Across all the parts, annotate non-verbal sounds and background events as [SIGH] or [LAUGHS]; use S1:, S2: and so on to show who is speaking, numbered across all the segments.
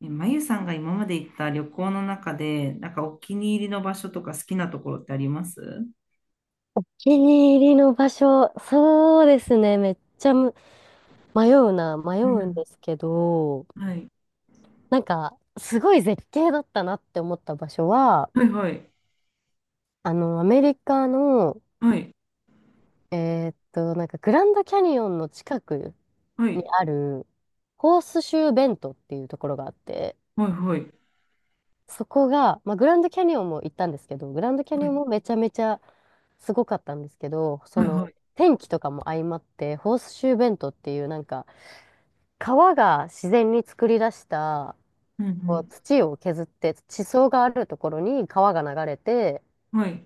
S1: まゆさんが今まで行った旅行の中で、なんかお気に入りの場所とか好きなところってあります？
S2: 気に入りの場所、そうですね、めっちゃ迷うな、迷
S1: う
S2: うん
S1: ん。
S2: ですけど、なんか、すごい絶景だったなって思った場所は、
S1: はい、
S2: アメリカの、
S1: はい、
S2: なんか、グランドキャニオンの近く
S1: は
S2: に
S1: い、
S2: ある、ホースシューベントっていうところがあって、
S1: はい、はい、
S2: そこが、まあ、グランドキャニオンも行ったんですけど、グランドキャ
S1: は
S2: ニオン
S1: い、
S2: もめちゃめちゃすごかったんですけど、そ
S1: はい、
S2: の、
S1: はい、
S2: 天気とかも相まって、ホースシューベントっていうなんか、川が自然に作り出した
S1: うん、
S2: こう
S1: う
S2: 土を削って地層があるところに川が流れて、
S1: ん、はい、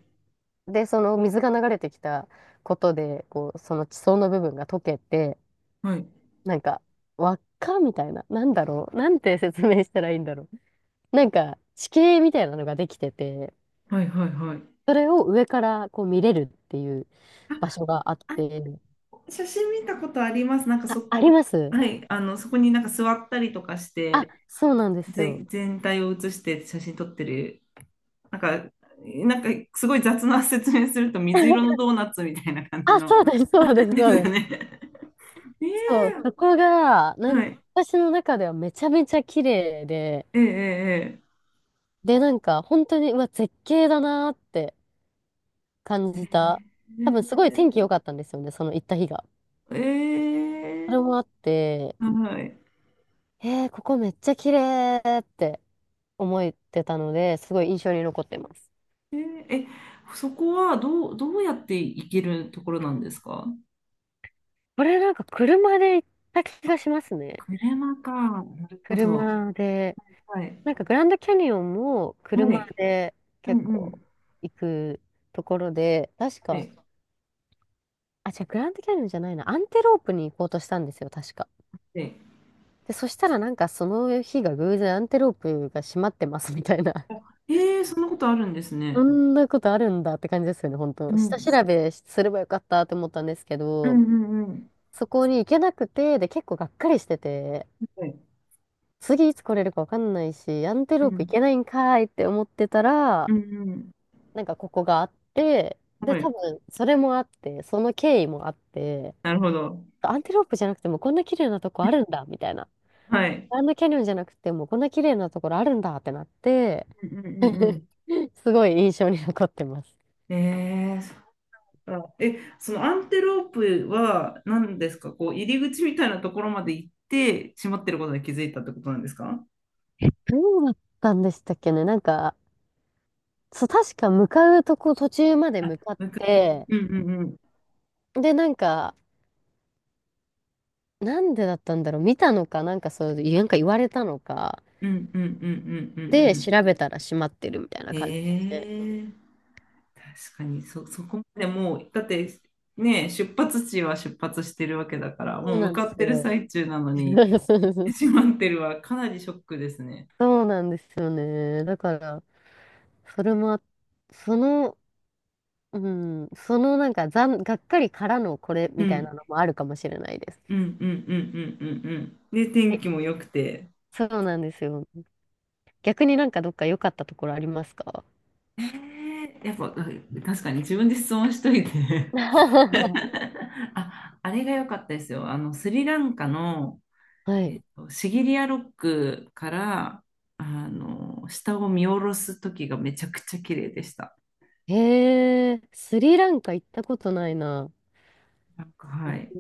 S2: でその水が流れてきたことでこうその地層の部分が溶けて、
S1: はい、
S2: なんか輪っかみたいな、なんだろう、なんて説明したらいいんだろう、なんか地形みたいなのができてて、
S1: はい、はい、はい。
S2: それを上からこう見れるっていう場
S1: あ、
S2: 所があっ
S1: あ、
S2: て。
S1: 写真見たことあります。なんか
S2: あ、
S1: そ、
S2: あります。
S1: はい、あの、そこになんか座ったりとかし
S2: あ、
S1: て、
S2: そうなんですよ。
S1: 全体を写して写真撮ってる。なんか、なんか、すごい雑な説明すると水色の
S2: [LAUGHS]
S1: ドーナツみたいな感じ
S2: あ、
S1: の。
S2: そうです、そうで
S1: [LAUGHS]
S2: す、
S1: です
S2: そう
S1: よ
S2: です。
S1: ね。[LAUGHS] え
S2: そう、そこが、
S1: え、
S2: な
S1: は
S2: んか
S1: い、
S2: 私の中ではめちゃめちゃ綺麗で、
S1: え、ええ、ええ、
S2: で、なんか本当に、うわ、絶景だなーって感じた。多分すごい天気
S1: え
S2: 良かったんですよね、その行った日が。
S1: ー、
S2: それ
S1: え
S2: もあって、
S1: はい。
S2: ここめっちゃ綺麗って思ってたので、すごい印象に残ってます。
S1: えー、え、そこはどうやって行けるところなんですか？
S2: これなんか車で行った気がしますね。
S1: 車か。なるほど。
S2: 車で。
S1: はい。
S2: なんかグランドキャニオンも
S1: は
S2: 車
S1: い。
S2: で
S1: うん
S2: 結
S1: う
S2: 構
S1: ん。
S2: 行くところで、確
S1: は
S2: か、
S1: い。
S2: あ、じゃあグランドキャニオンじゃないな。アンテロープに行こうとしたんですよ、確か。
S1: はい。
S2: で、そしたらなんかその日が偶然アンテロープが閉まってますみたいな。
S1: えー、そんなことあるんです
S2: [LAUGHS] そ
S1: ね。
S2: んなことあるんだって感じですよね、本
S1: う
S2: 当。下
S1: ん。
S2: 調べすればよかったと思ったんですけ
S1: うん
S2: ど、
S1: うんうん。
S2: そこに行けなくて、で、結構がっかりしてて、
S1: はい。
S2: 次いつ来れるかわかんないし、アンテ
S1: う
S2: ロープ行
S1: ん。
S2: けないんかーいって思ってた
S1: う
S2: ら、
S1: んうん。
S2: なんかここがあって、で、
S1: は
S2: 多
S1: い。
S2: 分それもあって、その経緯もあって、
S1: なるほど。
S2: アンテロープじゃなくてもこんな綺麗なとこあるんだ、みたいな。
S1: はい。
S2: グランドキャニオンじゃなくて、もうこんな綺麗なところあるんだってなって、
S1: うんうんうんう
S2: [LAUGHS] すごい印象に残ってます。
S1: ん。そのアンテロープは何ですか？こう入り口みたいなところまで行って閉まってることに気づいたってことなんですか？
S2: どうだったんでしたっけね、なんか、そう、確か向かうとこ途中まで
S1: あ、
S2: 向かっ
S1: 向かい。
S2: て、
S1: うんうんうん。
S2: で、なんか、なんでだったんだろう見たのか、なんかそういう、なんか言われたのか、
S1: うんうんうんうんうん
S2: で、
S1: うん。
S2: 調べたら閉まってるみたいな
S1: へ
S2: 感じで。
S1: え。確かにそこまでもう、だってね、出発地は出発してるわけだから、
S2: そ
S1: も
S2: う
S1: う
S2: な
S1: 向
S2: んで
S1: か
S2: す
S1: ってる
S2: よ。
S1: 最中なのに、
S2: [LAUGHS] そうそうそう、
S1: 閉まってるはかなりショックですね。
S2: そうなんですよね。だから、それもあ、その、うん、そのなんか、がっかりからのこれ
S1: う
S2: みたい
S1: ん、
S2: なのもあるかもしれないです。
S1: うん、うん、うん、うん、うん、うん。で、天
S2: え、
S1: 気も良くて。
S2: そうなんですよ。逆になんかどっか良かったところありますか？
S1: やっぱ、うん、確かに自分で質問しといて
S2: [LAUGHS]
S1: [LAUGHS] あ、あれが良かったですよ。あのスリランカの、
S2: はい。
S1: シギリアロックからあの下を見下ろす時がめちゃくちゃ綺麗でした。
S2: へえ、スリランカ行ったことないな。
S1: なんか、はい。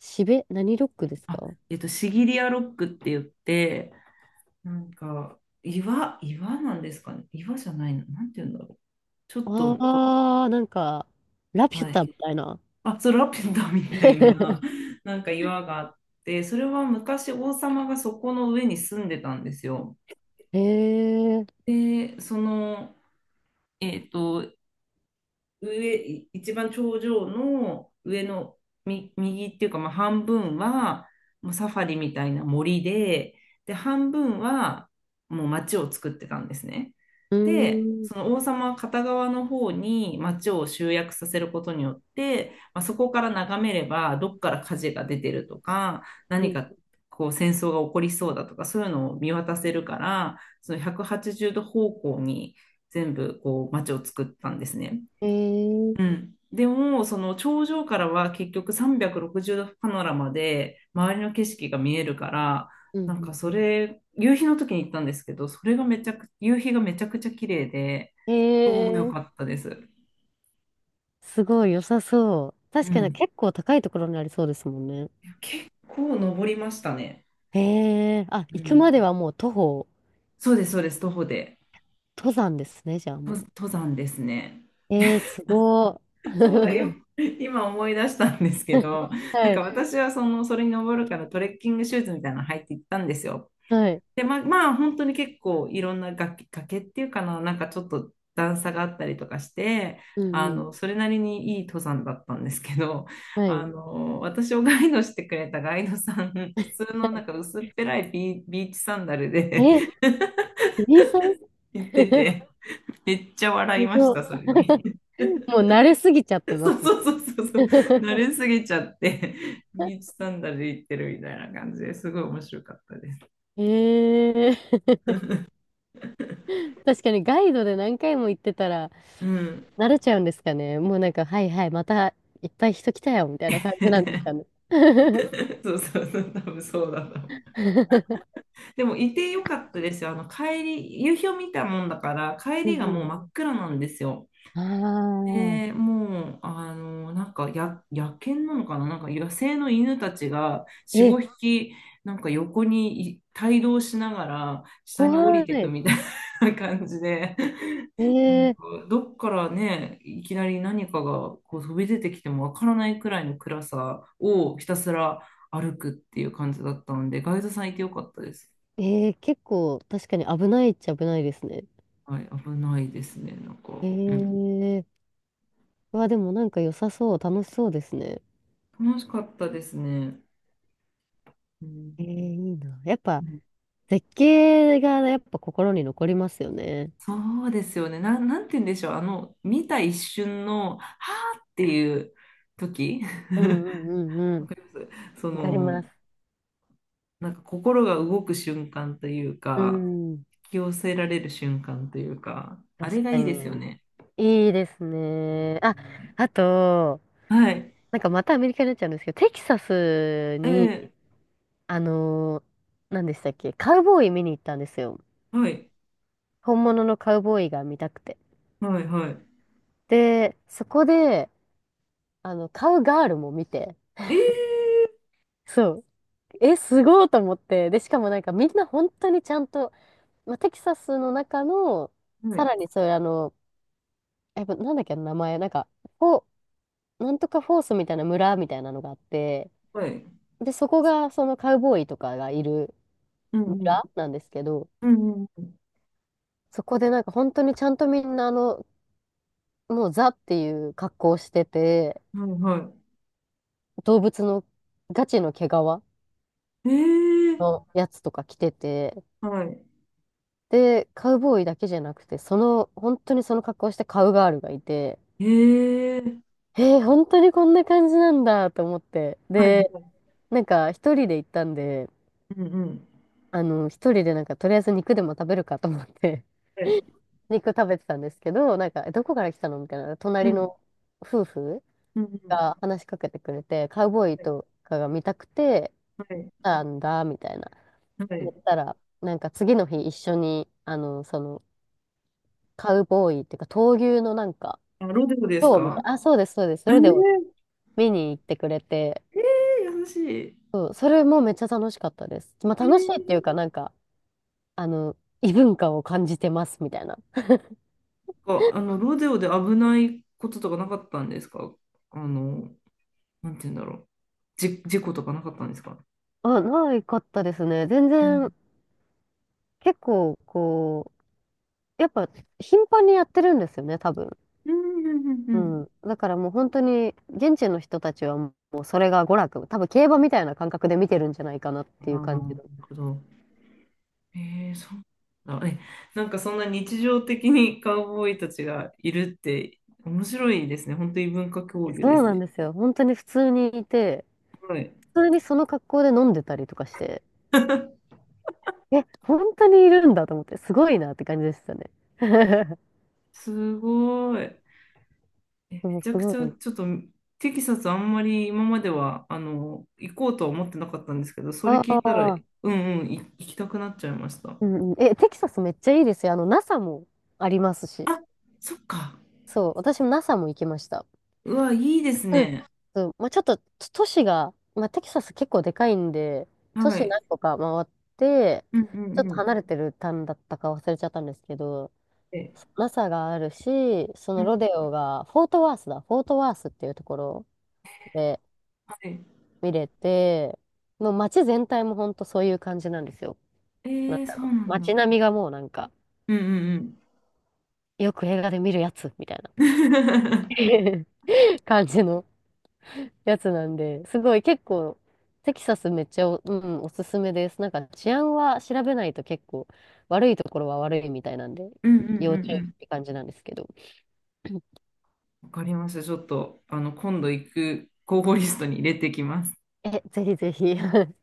S2: 何ロックです
S1: あ、
S2: か？
S1: シギリアロックって言って、なんか岩なんですかね。岩じゃないの。なんて言うんだろう。ちょっ
S2: あ
S1: と、
S2: あー、なんか、ラピュ
S1: はい。
S2: タみたいな。
S1: あつらペタみたいな、
S2: [LAUGHS]
S1: [LAUGHS] なんか岩があって、それは昔王様がそこの上に住んでたんですよ。
S2: へえ、う
S1: で、その、えっと、上、一番頂上の上の右っていうか、まあ、半分はもうサファリみたいな森で、で、半分はもう町を作ってたんですね。
S2: ー
S1: で、
S2: ん、
S1: その王様片側の方に町を集約させることによって、まあ、そこから眺めればどっから火事が出てるとか、
S2: う
S1: 何
S2: ん、
S1: かこう戦争が起こりそうだとか、そういうのを見渡せるから、その180度方向に全部こう町を作ったんですね。
S2: へえ、
S1: うん。でも、その頂上からは結局360度パノラマで周りの景色が見えるから、
S2: うん、う
S1: なんか
S2: ん
S1: そ
S2: うん、
S1: れ、夕日の時に行ったんですけど、それがめちゃく、夕日がめちゃくちゃ綺麗で、
S2: へ
S1: 超良
S2: え、
S1: かったです。
S2: すごい良さそう。
S1: う
S2: 確かに
S1: ん。
S2: 結構高いところにありそうですもんね。
S1: 結構登りましたね。
S2: へえ、あ、
S1: う
S2: 行く
S1: ん。
S2: まではもう徒歩、
S1: そうです、そうです、徒歩で。
S2: 登山ですね、じゃあもう。
S1: 登山ですね。
S2: ええ、すご
S1: そうだよ。
S2: ー。
S1: 今思い出したんですけ
S2: [LAUGHS]
S1: ど、なん
S2: は
S1: か
S2: い、
S1: 私はその、それに登るからトレッキングシューズみたいなの履いて行ったんですよ。
S2: はい、
S1: で、まあ、本当に結構いろんな崖、崖っていうかな、なんかちょっと段差があったりとかして、
S2: うん
S1: あ
S2: うん、
S1: の、それなりにいい登山だったんですけど、[LAUGHS]
S2: は
S1: あ
S2: い。
S1: の、私をガイドしてくれたガイドさん、普通
S2: は
S1: のな
S2: い、
S1: んか薄っぺらいビーチサンダルで
S2: え、ビリーさん。
S1: [LAUGHS] 行って
S2: [LAUGHS]
S1: て、めっちゃ
S2: す
S1: 笑いまし
S2: ごい。
S1: た、それに。
S2: [LAUGHS] もう慣れすぎちゃって
S1: [LAUGHS]
S2: ま
S1: そ
S2: す。
S1: うそうそうそうそう、慣
S2: [LAUGHS]
S1: れすぎちゃって、ビーチサンダルで行ってるみたいな感じですごい面白かったです。
S2: ええ、確かにガイドで何回も行ってたら
S1: うん、
S2: 慣れちゃうんですかね。もうなんか、はいはい、またいっぱい人来たよ、みたいな感じなんですかね。
S1: [LAUGHS] そうそうそう、多分そうだな。
S2: [LAUGHS]
S1: でもいてよかったですよ。あの帰り、夕日を見たもんだから、帰
S2: う
S1: り
S2: ん
S1: が
S2: う
S1: もう
S2: ん。
S1: 真っ暗なんですよ。
S2: あ
S1: で、
S2: あ、
S1: もう、あの、なんかや、野犬なのかな、なんか野生の犬たちが4、
S2: え、
S1: 5匹、なんか横に帯同しながら下に降り
S2: 怖
S1: てく
S2: い。
S1: みたいな感じで、なん
S2: ええ、
S1: かどっからね、いきなり何かがこう飛び出てきてもわからないくらいの暗さをひたすら歩くっていう感じだったので、ガイドさんいてよかったです。
S2: ええ結構確かに危ないっちゃ危ないですね。
S1: はい、危ないですね、なんか。うん、
S2: ええうわ、でもなんか良さそう、楽しそうですね。
S1: 楽しかったですね。うん、
S2: えー、いいな。やっ
S1: う
S2: ぱ
S1: ん、
S2: 絶景がやっぱ心に残りますよね。
S1: そうですよね。なんて言うんでしょう。あの、見た一瞬の、はーっていう時
S2: うんうんうん
S1: [LAUGHS]
S2: う
S1: わ
S2: ん。
S1: かりますそ
S2: わかり
S1: の、
S2: ます。
S1: なんか心が動く瞬間という
S2: う
S1: か、
S2: ん。
S1: 引き寄せられる瞬間というか、あ
S2: 確
S1: れが
S2: か
S1: いいですよ
S2: に。
S1: ね。
S2: いいですね。あ、あと、
S1: はい。
S2: なんかまたアメリカになっちゃうんですけど、テキサス
S1: え
S2: に、
S1: え、
S2: あのー、何でしたっけ、カウボーイ見に行ったんですよ。
S1: はい。
S2: 本物のカウボーイが見たくて。
S1: はい、はい。
S2: で、そこで、カウガールも見て、
S1: ええ、
S2: そう、え、すごいと思って、で、しかもなんかみんな本当にちゃんと、まあ、テキサスの中の、
S1: は
S2: さ
S1: い。
S2: らにそういうあの、やっぱなんだっけ、名前、なんか、フォ、なんとかフォースみたいな村みたいなのがあって、
S1: はい。
S2: で、そこがそのカウボーイとかがいる
S1: うんうん。
S2: 村なんですけど、
S1: うんうん。
S2: そこでなんか本当にちゃんとみんなもうザっていう格好をしてて、
S1: はい、は
S2: 動物のガチの毛皮
S1: い。え
S2: の
S1: え、
S2: やつとか着てて、
S1: はい。
S2: で、カウボーイだけじゃなくて、その、本当にその格好をしたカウガールがいて、
S1: ええ、
S2: えー、本当にこんな感じなんだと思って。
S1: はい、
S2: で、
S1: はい、
S2: なんか一人で行ったんで、
S1: うん、うん、
S2: 一人でなんかとりあえず肉でも食べるかと思って、
S1: はい、
S2: [LAUGHS] 肉食べてたんですけど、なんか、え、どこから来たのみたいな、
S1: う
S2: 隣
S1: ん、
S2: の夫婦
S1: うん、うん、
S2: が話しかけてくれて、カウボーイ
S1: はい、
S2: とかが見たくて
S1: はい、
S2: なんだ、みたいな。
S1: は
S2: 言っ
S1: い。
S2: たら、なんか次の日一緒に、あの、その、カウボーイっていうか、闘牛のなんか、
S1: あ、ロデオです
S2: 今日みたい
S1: か？
S2: な。あ、そうです、そうです。そ
S1: え
S2: れでも
S1: え、
S2: 見に行ってくれて、
S1: ええ、優しい。
S2: そう、それもめっちゃ楽しかったです。まあ、
S1: え
S2: 楽しいっていうか、
S1: え
S2: なんか、あの、異文化を感じてますみたいな。
S1: か、あの、ロデオで危ないこととかなかったんですか？あの、なんて言うんだろう。事故とかなかったんですか？
S2: あ、ないかったですね。全
S1: う
S2: 然、
S1: ん、
S2: 結構、こう、やっぱ、頻繁にやってるんですよね、多分。
S1: うん、うん、う
S2: う
S1: ん。
S2: ん。だからもう本当に、現地の人たちはもうそれが娯楽、多分競馬みたいな感覚で見てるんじゃないかなっ
S1: あ
S2: ていう
S1: あ、な
S2: 感じの。
S1: るほど。ええ、そうなんだ。え、なんかそんな日常的にカウボーイたちがいるって面白いですね。本当に文化交流で
S2: そう
S1: す
S2: なん
S1: ね。
S2: ですよ。本当に普通にいて、
S1: ごい。
S2: 普通にその格好で飲んでたりとかして。
S1: [LAUGHS]
S2: え、本当にいるんだと思って、すごいなって感じでしたね。[LAUGHS]
S1: すごい。め
S2: そうす
S1: ちゃく
S2: ご
S1: ちゃ、ち
S2: い。
S1: ょっと、テキサスあんまり今までは、あの、行こうとは思ってなかったんですけど、それ
S2: あ
S1: 聞いたら、
S2: あ、
S1: うんうん、行きたくなっちゃいました。
S2: うんうん。え、テキサスめっちゃいいですよ。NASA もありますし。
S1: あ、そっか。
S2: そう、私も NASA も行きました。
S1: うわ、いいです
S2: うん。
S1: ね。
S2: そう、まあ、ちょっと都市が、まあ、テキサス結構でかいんで、都
S1: は
S2: 市
S1: い。
S2: 何個か回って、
S1: うんう
S2: ちょ
S1: ん
S2: っ
S1: う
S2: と
S1: ん。
S2: 離れてる単だったか忘れちゃったんですけど、
S1: え、
S2: NASA があるし、そ
S1: う
S2: のロ
S1: ん、
S2: デオが、フォートワースだ、フォートワースっていうところで、
S1: はい。
S2: 見れて、もう街全体もほんとそういう感じなんですよ。
S1: え
S2: なん
S1: ー、
S2: だ
S1: そう
S2: ろう。
S1: なん
S2: 街並
S1: だ。
S2: みがもうなんか、
S1: うんうん
S2: よく映画で見るやつみたいな
S1: うん。[LAUGHS]
S2: [LAUGHS] 感じのやつなんで、すごい結構、テキサスめっちゃお、うん、おすすめです。なんか治安は調べないと結構悪いところは悪いみたいなんで、
S1: うんうんうんう
S2: 要注意
S1: ん。
S2: って感じなんですけど。
S1: わかりました。ちょっと、あの、今度行く候補リストに入れてきます。
S2: え、ぜひぜひ。[LAUGHS]